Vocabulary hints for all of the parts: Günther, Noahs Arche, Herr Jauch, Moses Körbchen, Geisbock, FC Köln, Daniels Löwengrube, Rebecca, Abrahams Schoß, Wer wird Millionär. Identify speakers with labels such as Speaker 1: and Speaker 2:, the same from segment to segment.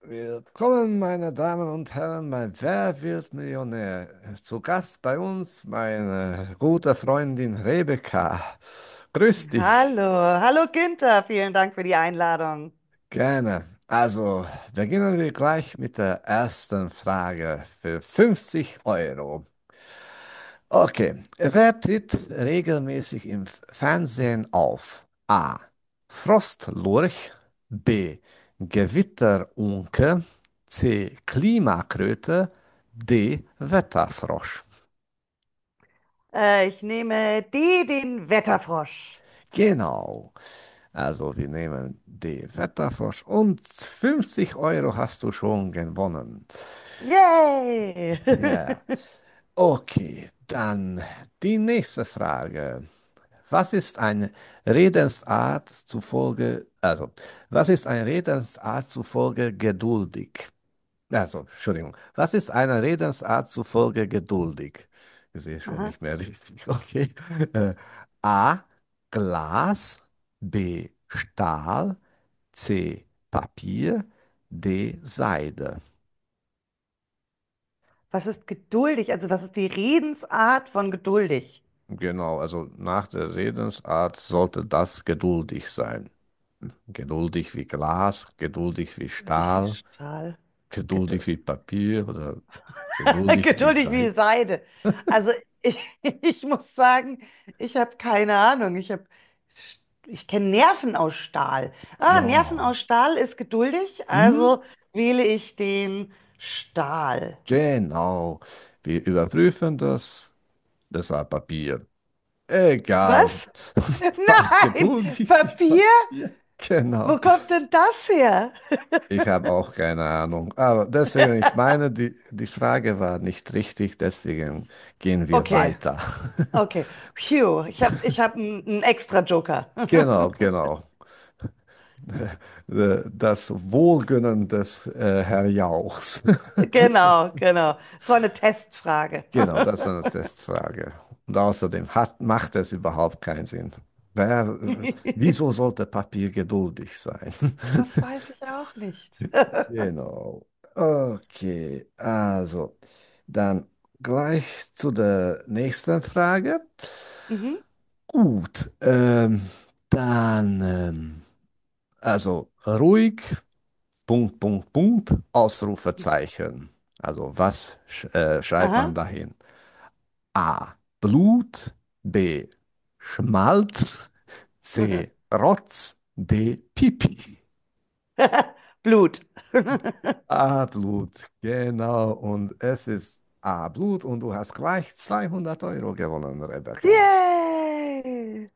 Speaker 1: Willkommen, meine Damen und Herren, bei Wer wird Millionär? Zu Gast bei uns meine gute Freundin Rebecca. Grüß dich,
Speaker 2: Hallo, hallo Günther, vielen Dank für die Einladung.
Speaker 1: gerne. Also, beginnen wir gleich mit der ersten Frage für 50 Euro. Okay, wer tritt regelmäßig im Fernsehen auf? A. Frostlurch, B. Gewitterunke, C. Klimakröte, D. Wetterfrosch.
Speaker 2: Ich nehme D, den Wetterfrosch.
Speaker 1: Genau, also wir nehmen D. Wetterfrosch und 50 Euro hast du schon gewonnen.
Speaker 2: Yay!
Speaker 1: Ja, okay, dann die nächste Frage. Was ist eine Redensart zufolge, also, was ist eine Redensart zufolge geduldig? Also, Entschuldigung, was ist einer Redensart zufolge geduldig? Ich sehe schon
Speaker 2: Aha.
Speaker 1: nicht mehr richtig, okay. Äh, A. Glas, B. Stahl, C. Papier, D. Seide.
Speaker 2: Was ist geduldig? Also was ist die Redensart von geduldig?
Speaker 1: Genau, also nach der Redensart sollte das geduldig sein. Geduldig wie Glas, geduldig wie
Speaker 2: Geduldig wie
Speaker 1: Stahl,
Speaker 2: Stahl. Gedu
Speaker 1: geduldig wie Papier oder geduldig wie
Speaker 2: geduldig wie
Speaker 1: Seid.
Speaker 2: Seide. Also ich, ich muss sagen, ich habe keine Ahnung. Ich kenne Nerven aus Stahl. Ah, Nerven
Speaker 1: Ja,
Speaker 2: aus Stahl ist geduldig,
Speaker 1: mhm.
Speaker 2: also wähle ich den Stahl.
Speaker 1: Genau. Wir überprüfen das. Das war Papier. Egal.
Speaker 2: Was? Nein,
Speaker 1: Geduldig wie
Speaker 2: Papier?
Speaker 1: Papier.
Speaker 2: Wo
Speaker 1: Genau.
Speaker 2: kommt denn das her?
Speaker 1: Ich habe auch keine Ahnung. Aber deswegen, ich meine, die Frage war nicht richtig, deswegen gehen wir
Speaker 2: Okay,
Speaker 1: weiter.
Speaker 2: okay. Phew, ich hab einen extra Joker.
Speaker 1: Genau, genau. Das Wohlgönnen des Herr Jauchs.
Speaker 2: Genau, genau. So eine Testfrage.
Speaker 1: Genau, das war eine Testfrage. Und außerdem hat, macht es überhaupt keinen Sinn. Wer, wieso sollte Papier geduldig sein?
Speaker 2: Das weiß ich auch nicht.
Speaker 1: Genau. Okay, also dann gleich zu der nächsten Frage.
Speaker 2: Mhm.
Speaker 1: Gut, dann also ruhig, Punkt, Punkt, Punkt, Ausrufezeichen. Also was sch schreibt man
Speaker 2: Aha.
Speaker 1: dahin? A. Blut. B. Schmalz. C. Rotz. D. Pipi.
Speaker 2: Blut.
Speaker 1: A. Blut. Genau. Und es ist A. Blut und du hast gleich 200 Euro gewonnen, Rebecca.
Speaker 2: Yay!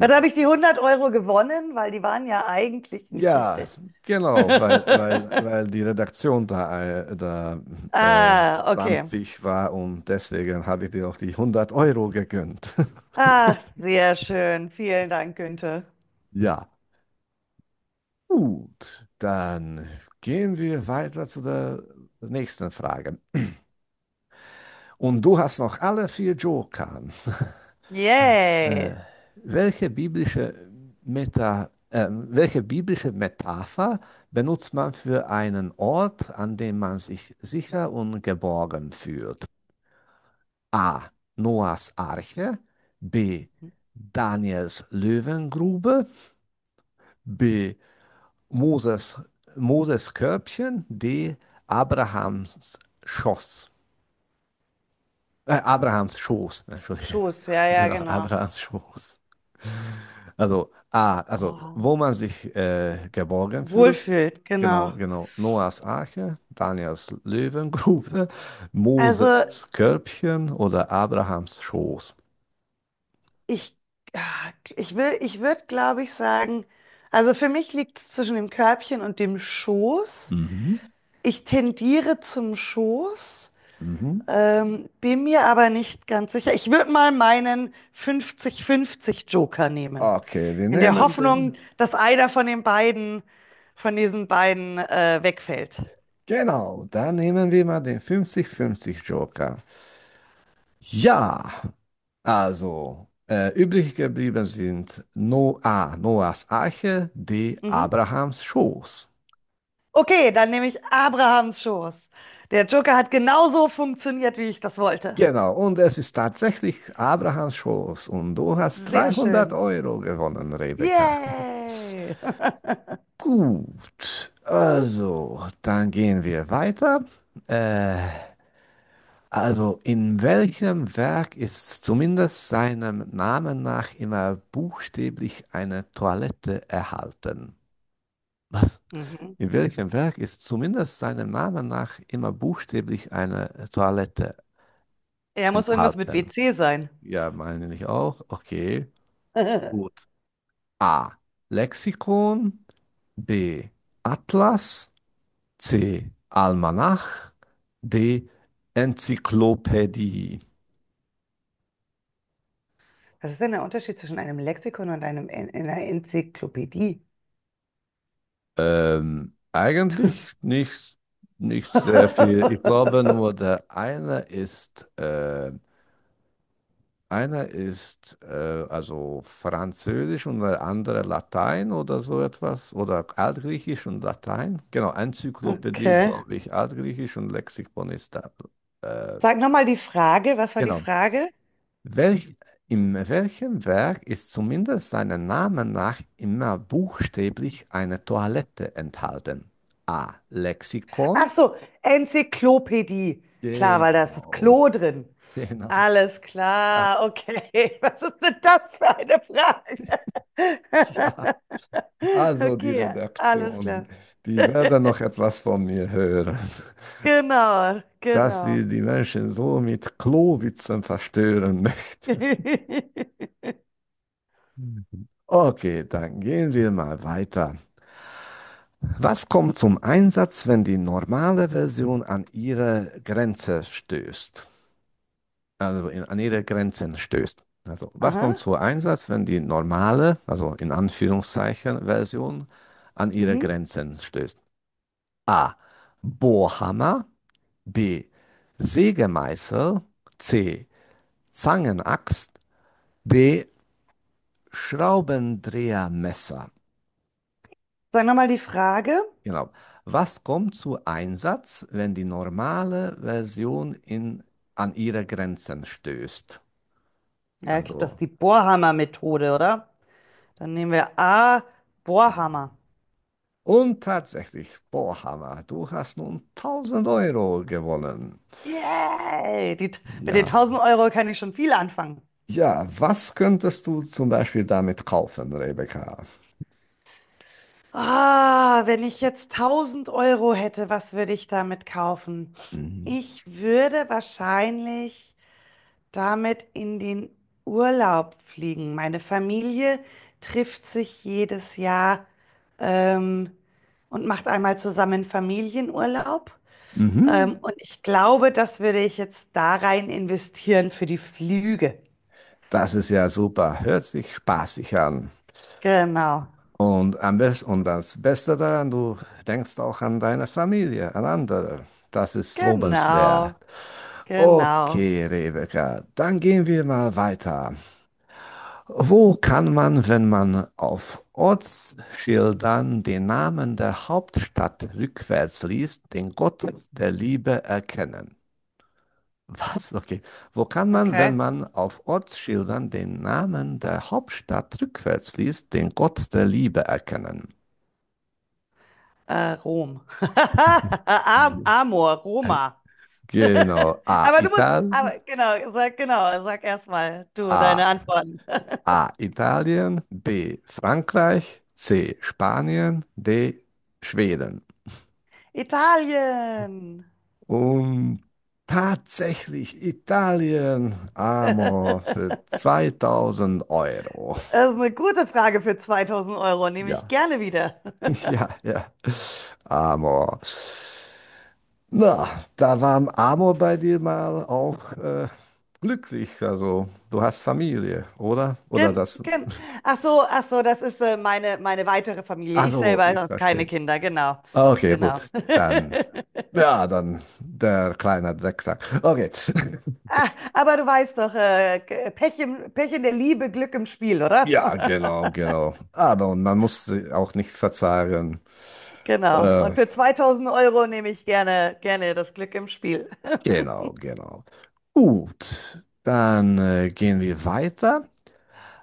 Speaker 2: Ja, da habe ich die 100 Euro gewonnen, weil die waren ja eigentlich nicht
Speaker 1: Ja,
Speaker 2: richtig.
Speaker 1: genau, weil, weil, weil die Redaktion da, da äh,
Speaker 2: Ah, okay.
Speaker 1: schlampig war und deswegen habe ich dir auch die 100 Euro gegönnt.
Speaker 2: Ach, sehr schön. Vielen Dank, Günther.
Speaker 1: Ja. Gut, dann gehen wir weiter zu der nächsten Frage. Und du hast noch alle vier Joker. Äh,
Speaker 2: Yay.
Speaker 1: welche biblische welche biblische Metapher benutzt man für einen Ort, an dem man sich sicher und geborgen fühlt? A. Noahs Arche. B. Daniels Löwengrube. B. Moses, Moses Körbchen, D. Abrahams Schoß. Abrahams Schoß, Entschuldige.
Speaker 2: Schoß, ja, ja,
Speaker 1: Genau,
Speaker 2: genau.
Speaker 1: Abrahams Schoß. Also A, also
Speaker 2: Oh,
Speaker 1: wo man sich geborgen fühlt.
Speaker 2: wohlfühlt,
Speaker 1: Genau,
Speaker 2: genau.
Speaker 1: genau. Noahs Arche, Daniels Löwengrube,
Speaker 2: Also
Speaker 1: Moses Körbchen oder Abrahams Schoß.
Speaker 2: ich, ah, ich würde, glaube ich, sagen, also für mich liegt es zwischen dem Körbchen und dem Schoß.
Speaker 1: Mhm.
Speaker 2: Ich tendiere zum Schoß.
Speaker 1: Mhm.
Speaker 2: Bin mir aber nicht ganz sicher. Ich würde mal meinen 50-50 Joker nehmen.
Speaker 1: Okay, wir
Speaker 2: In der
Speaker 1: nehmen den.
Speaker 2: Hoffnung, dass einer von diesen beiden, wegfällt.
Speaker 1: Genau, dann nehmen wir mal den 50-50 Joker. Ja. Also, übrig geblieben sind no A, Noahs Arche, D,
Speaker 2: Mhm.
Speaker 1: Abrahams Schoß.
Speaker 2: Okay, dann nehme ich Abrahams Schoß. Der Joker hat genauso funktioniert, wie ich das wollte.
Speaker 1: Genau, und es ist tatsächlich Abrahams Schoß. Und du hast
Speaker 2: Sehr
Speaker 1: 300
Speaker 2: schön.
Speaker 1: Euro gewonnen, Rebecca.
Speaker 2: Yay!
Speaker 1: Gut, also, dann gehen wir weiter. Äh, also, in welchem Werk ist zumindest seinem Namen nach immer buchstäblich eine Toilette erhalten? Was?
Speaker 2: Mhm.
Speaker 1: In welchem Werk ist zumindest seinem Namen nach immer buchstäblich eine Toilette
Speaker 2: Er muss irgendwas mit
Speaker 1: enthalten?
Speaker 2: WC sein.
Speaker 1: Ja, meine ich auch. Okay,
Speaker 2: Was
Speaker 1: gut. A. Lexikon. B. Atlas. C. Almanach. D. Enzyklopädie.
Speaker 2: ist denn der Unterschied zwischen einem Lexikon und einer Enzyklopädie?
Speaker 1: Eigentlich nicht, nicht sehr viel. Ich glaube nur, der eine ist Einer ist also Französisch und der andere Latein oder so etwas oder Altgriechisch und Latein. Genau, Enzyklopädie ist,
Speaker 2: Okay.
Speaker 1: glaube ich, Altgriechisch und Lexikon ist da. Äh,
Speaker 2: Sag nochmal die Frage. Was war die
Speaker 1: genau.
Speaker 2: Frage?
Speaker 1: Welch, in welchem Werk ist zumindest seinem Namen nach immer buchstäblich eine Toilette enthalten? A. Lexikon.
Speaker 2: Ach so, Enzyklopädie. Klar, weil da ist das
Speaker 1: Genau,
Speaker 2: Klo drin.
Speaker 1: genau.
Speaker 2: Alles
Speaker 1: Da,
Speaker 2: klar, okay. Was ist denn das für eine Frage?
Speaker 1: ja. Also die
Speaker 2: Okay, alles
Speaker 1: Redaktion,
Speaker 2: klar.
Speaker 1: die werden noch etwas von mir hören,
Speaker 2: Genau,
Speaker 1: dass
Speaker 2: genau.
Speaker 1: sie die Menschen so mit Klowitzen verstören möchten. Okay, dann gehen wir mal weiter. Was kommt zum Einsatz, wenn die normale Version an ihre Grenze stößt? An ihre Grenzen stößt. Also was kommt
Speaker 2: Aha.
Speaker 1: zum Einsatz, wenn die normale, also in Anführungszeichen Version an ihre
Speaker 2: Mhm.
Speaker 1: Grenzen stößt? A. Bohrhammer. B. Sägemeißel. C. Zangenaxt. D. Schraubendrehermesser.
Speaker 2: Sag nochmal die Frage.
Speaker 1: Genau. Was kommt zu Einsatz, wenn die normale Version in, an ihre Grenzen stößt?
Speaker 2: Ja, ich glaube, das
Speaker 1: Also
Speaker 2: ist die Bohrhammer-Methode, oder? Dann nehmen wir A,
Speaker 1: die.
Speaker 2: Bohrhammer.
Speaker 1: Und tatsächlich, Bohrhammer, du hast nun 1.000 Euro gewonnen.
Speaker 2: Yay! Die, mit den
Speaker 1: Ja.
Speaker 2: 1000 Euro kann ich schon viel anfangen.
Speaker 1: Ja, was könntest du zum Beispiel damit kaufen, Rebecca?
Speaker 2: Ah, wenn ich jetzt 1000 Euro hätte, was würde ich damit kaufen?
Speaker 1: Mhm.
Speaker 2: Ich würde wahrscheinlich damit in den Urlaub fliegen. Meine Familie trifft sich jedes Jahr ähm, und macht einmal zusammen Familienurlaub.
Speaker 1: Mhm.
Speaker 2: Und ich glaube, das würde ich jetzt da rein investieren für die Flüge.
Speaker 1: Das ist ja super. Hört sich spaßig an.
Speaker 2: Genau,
Speaker 1: Und am besten, und das Beste daran, du denkst auch an deine Familie, an andere. Das ist
Speaker 2: genau.
Speaker 1: lobenswert.
Speaker 2: Genau.
Speaker 1: Okay, Rebecca, dann gehen wir mal weiter. Wo kann man, wenn man auf Ortsschildern den Namen der Hauptstadt rückwärts liest, den Gott der Liebe erkennen? Was? Okay. Wo kann man,
Speaker 2: Okay.
Speaker 1: wenn man auf Ortsschildern den Namen der Hauptstadt rückwärts liest, den Gott der Liebe erkennen?
Speaker 2: Rom. Am
Speaker 1: Mhm.
Speaker 2: Amor,
Speaker 1: Äh,
Speaker 2: Roma.
Speaker 1: Genau. A.
Speaker 2: Aber
Speaker 1: Italien.
Speaker 2: genau, sag erstmal du
Speaker 1: A.
Speaker 2: deine Antworten.
Speaker 1: Italien. B. Frankreich. C. Spanien. D. Schweden.
Speaker 2: Italien.
Speaker 1: Und tatsächlich Italien. Amo für 2.000 Euro.
Speaker 2: Das ist eine gute Frage für 2000 Euro, nehme ich
Speaker 1: Ja.
Speaker 2: gerne wieder.
Speaker 1: Ja. Amor. Na, da war Amor bei dir mal auch glücklich. Also, du hast Familie, oder? Oder
Speaker 2: Gen,
Speaker 1: das?
Speaker 2: gen. Ach so, das ist meine weitere Familie. Ich
Speaker 1: Also,
Speaker 2: selber
Speaker 1: ich
Speaker 2: habe keine
Speaker 1: verstehe.
Speaker 2: Kinder, genau,
Speaker 1: Okay,
Speaker 2: genau.
Speaker 1: gut. Dann, ja, dann der kleine Drecksack. Okay.
Speaker 2: Ah, aber du weißt doch, Pech in der Liebe, Glück im Spiel,
Speaker 1: Ja,
Speaker 2: oder?
Speaker 1: genau, genau. Aber und man muss auch nicht verzagen.
Speaker 2: Genau. Und
Speaker 1: Äh,
Speaker 2: für 2000 Euro nehme ich gerne das Glück im Spiel.
Speaker 1: genau, genau. Gut, dann gehen wir weiter.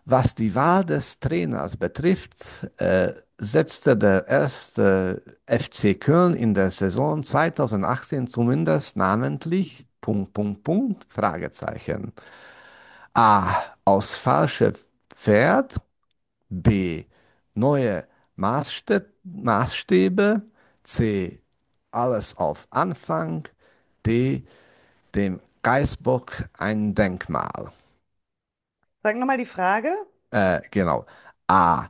Speaker 1: Was die Wahl des Trainers betrifft, setzte der erste FC Köln in der Saison 2018 zumindest namentlich Punkt, Punkt, Punkt, Fragezeichen. A. Aus falsche Pferd. B. Neue Maßstäbe. C. Alles auf Anfang. D. Dem Geisbock ein Denkmal.
Speaker 2: Sag nochmal die Frage.
Speaker 1: Genau. A.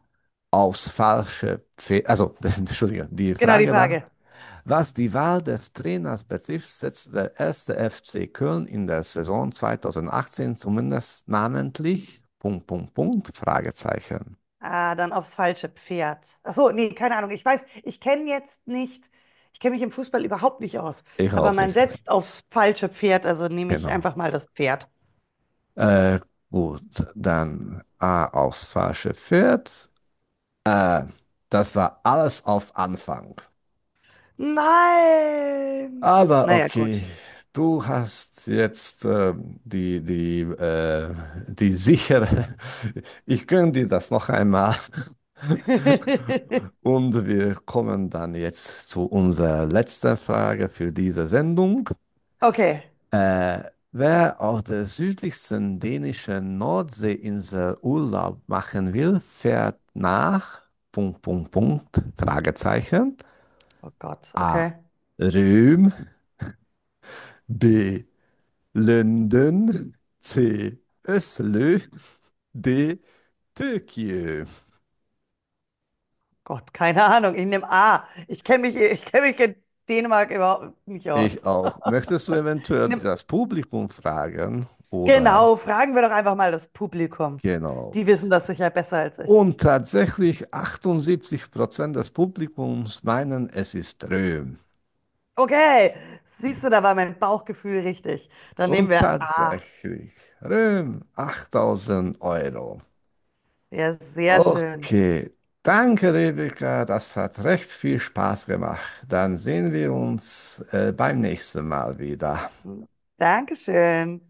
Speaker 1: Aufs falsche Pferd. Also, Entschuldigung, die
Speaker 2: Genau, die
Speaker 1: Frage war,
Speaker 2: Frage.
Speaker 1: was die Wahl des Trainers betrifft, setzt der erste FC Köln in der Saison 2018 zumindest namentlich Punkt, Punkt, Punkt, Fragezeichen.
Speaker 2: Ah, dann aufs falsche Pferd. Ach so, nee, keine Ahnung. Ich kenne mich im Fußball überhaupt nicht aus.
Speaker 1: Ich
Speaker 2: Aber
Speaker 1: auch
Speaker 2: man
Speaker 1: nicht.
Speaker 2: setzt aufs falsche Pferd, also nehme ich
Speaker 1: Genau.
Speaker 2: einfach mal das Pferd.
Speaker 1: Äh, gut, dann A. Aufs falsche Pferd. Äh, das war alles auf Anfang.
Speaker 2: Nein!
Speaker 1: Aber
Speaker 2: Naja,
Speaker 1: okay,
Speaker 2: gut.
Speaker 1: du hast jetzt die, die, äh, die sichere. Ich gönne dir das noch einmal. Und wir kommen dann jetzt zu unserer letzten Frage für diese Sendung.
Speaker 2: Okay.
Speaker 1: Äh, wer auf der südlichsten dänischen Nordseeinsel Urlaub machen will, fährt nach Punkt, Punkt, Punkt, Fragezeichen.
Speaker 2: Oh Gott,
Speaker 1: A.
Speaker 2: okay.
Speaker 1: Röhm. B. Linden, C. Öslü, D. Türkei.
Speaker 2: Gott, keine Ahnung. Ich nehme A. Ich kenne mich in Dänemark überhaupt nicht aus.
Speaker 1: Ich auch. Möchtest du
Speaker 2: Ich
Speaker 1: eventuell
Speaker 2: nehm,
Speaker 1: das Publikum fragen? Oder
Speaker 2: genau, fragen wir doch einfach mal das Publikum.
Speaker 1: genau.
Speaker 2: Die wissen das sicher besser als ich.
Speaker 1: Und tatsächlich 78% des Publikums meinen, es ist Röhm.
Speaker 2: Okay, siehst du, da war mein Bauchgefühl richtig. Dann nehmen
Speaker 1: Und
Speaker 2: wir A.
Speaker 1: tatsächlich, Röhm, 8000 Euro.
Speaker 2: Ja, sehr schön.
Speaker 1: Okay. Danke, Rebecca. Das hat recht viel Spaß gemacht. Dann sehen wir uns beim nächsten Mal wieder.
Speaker 2: Dankeschön.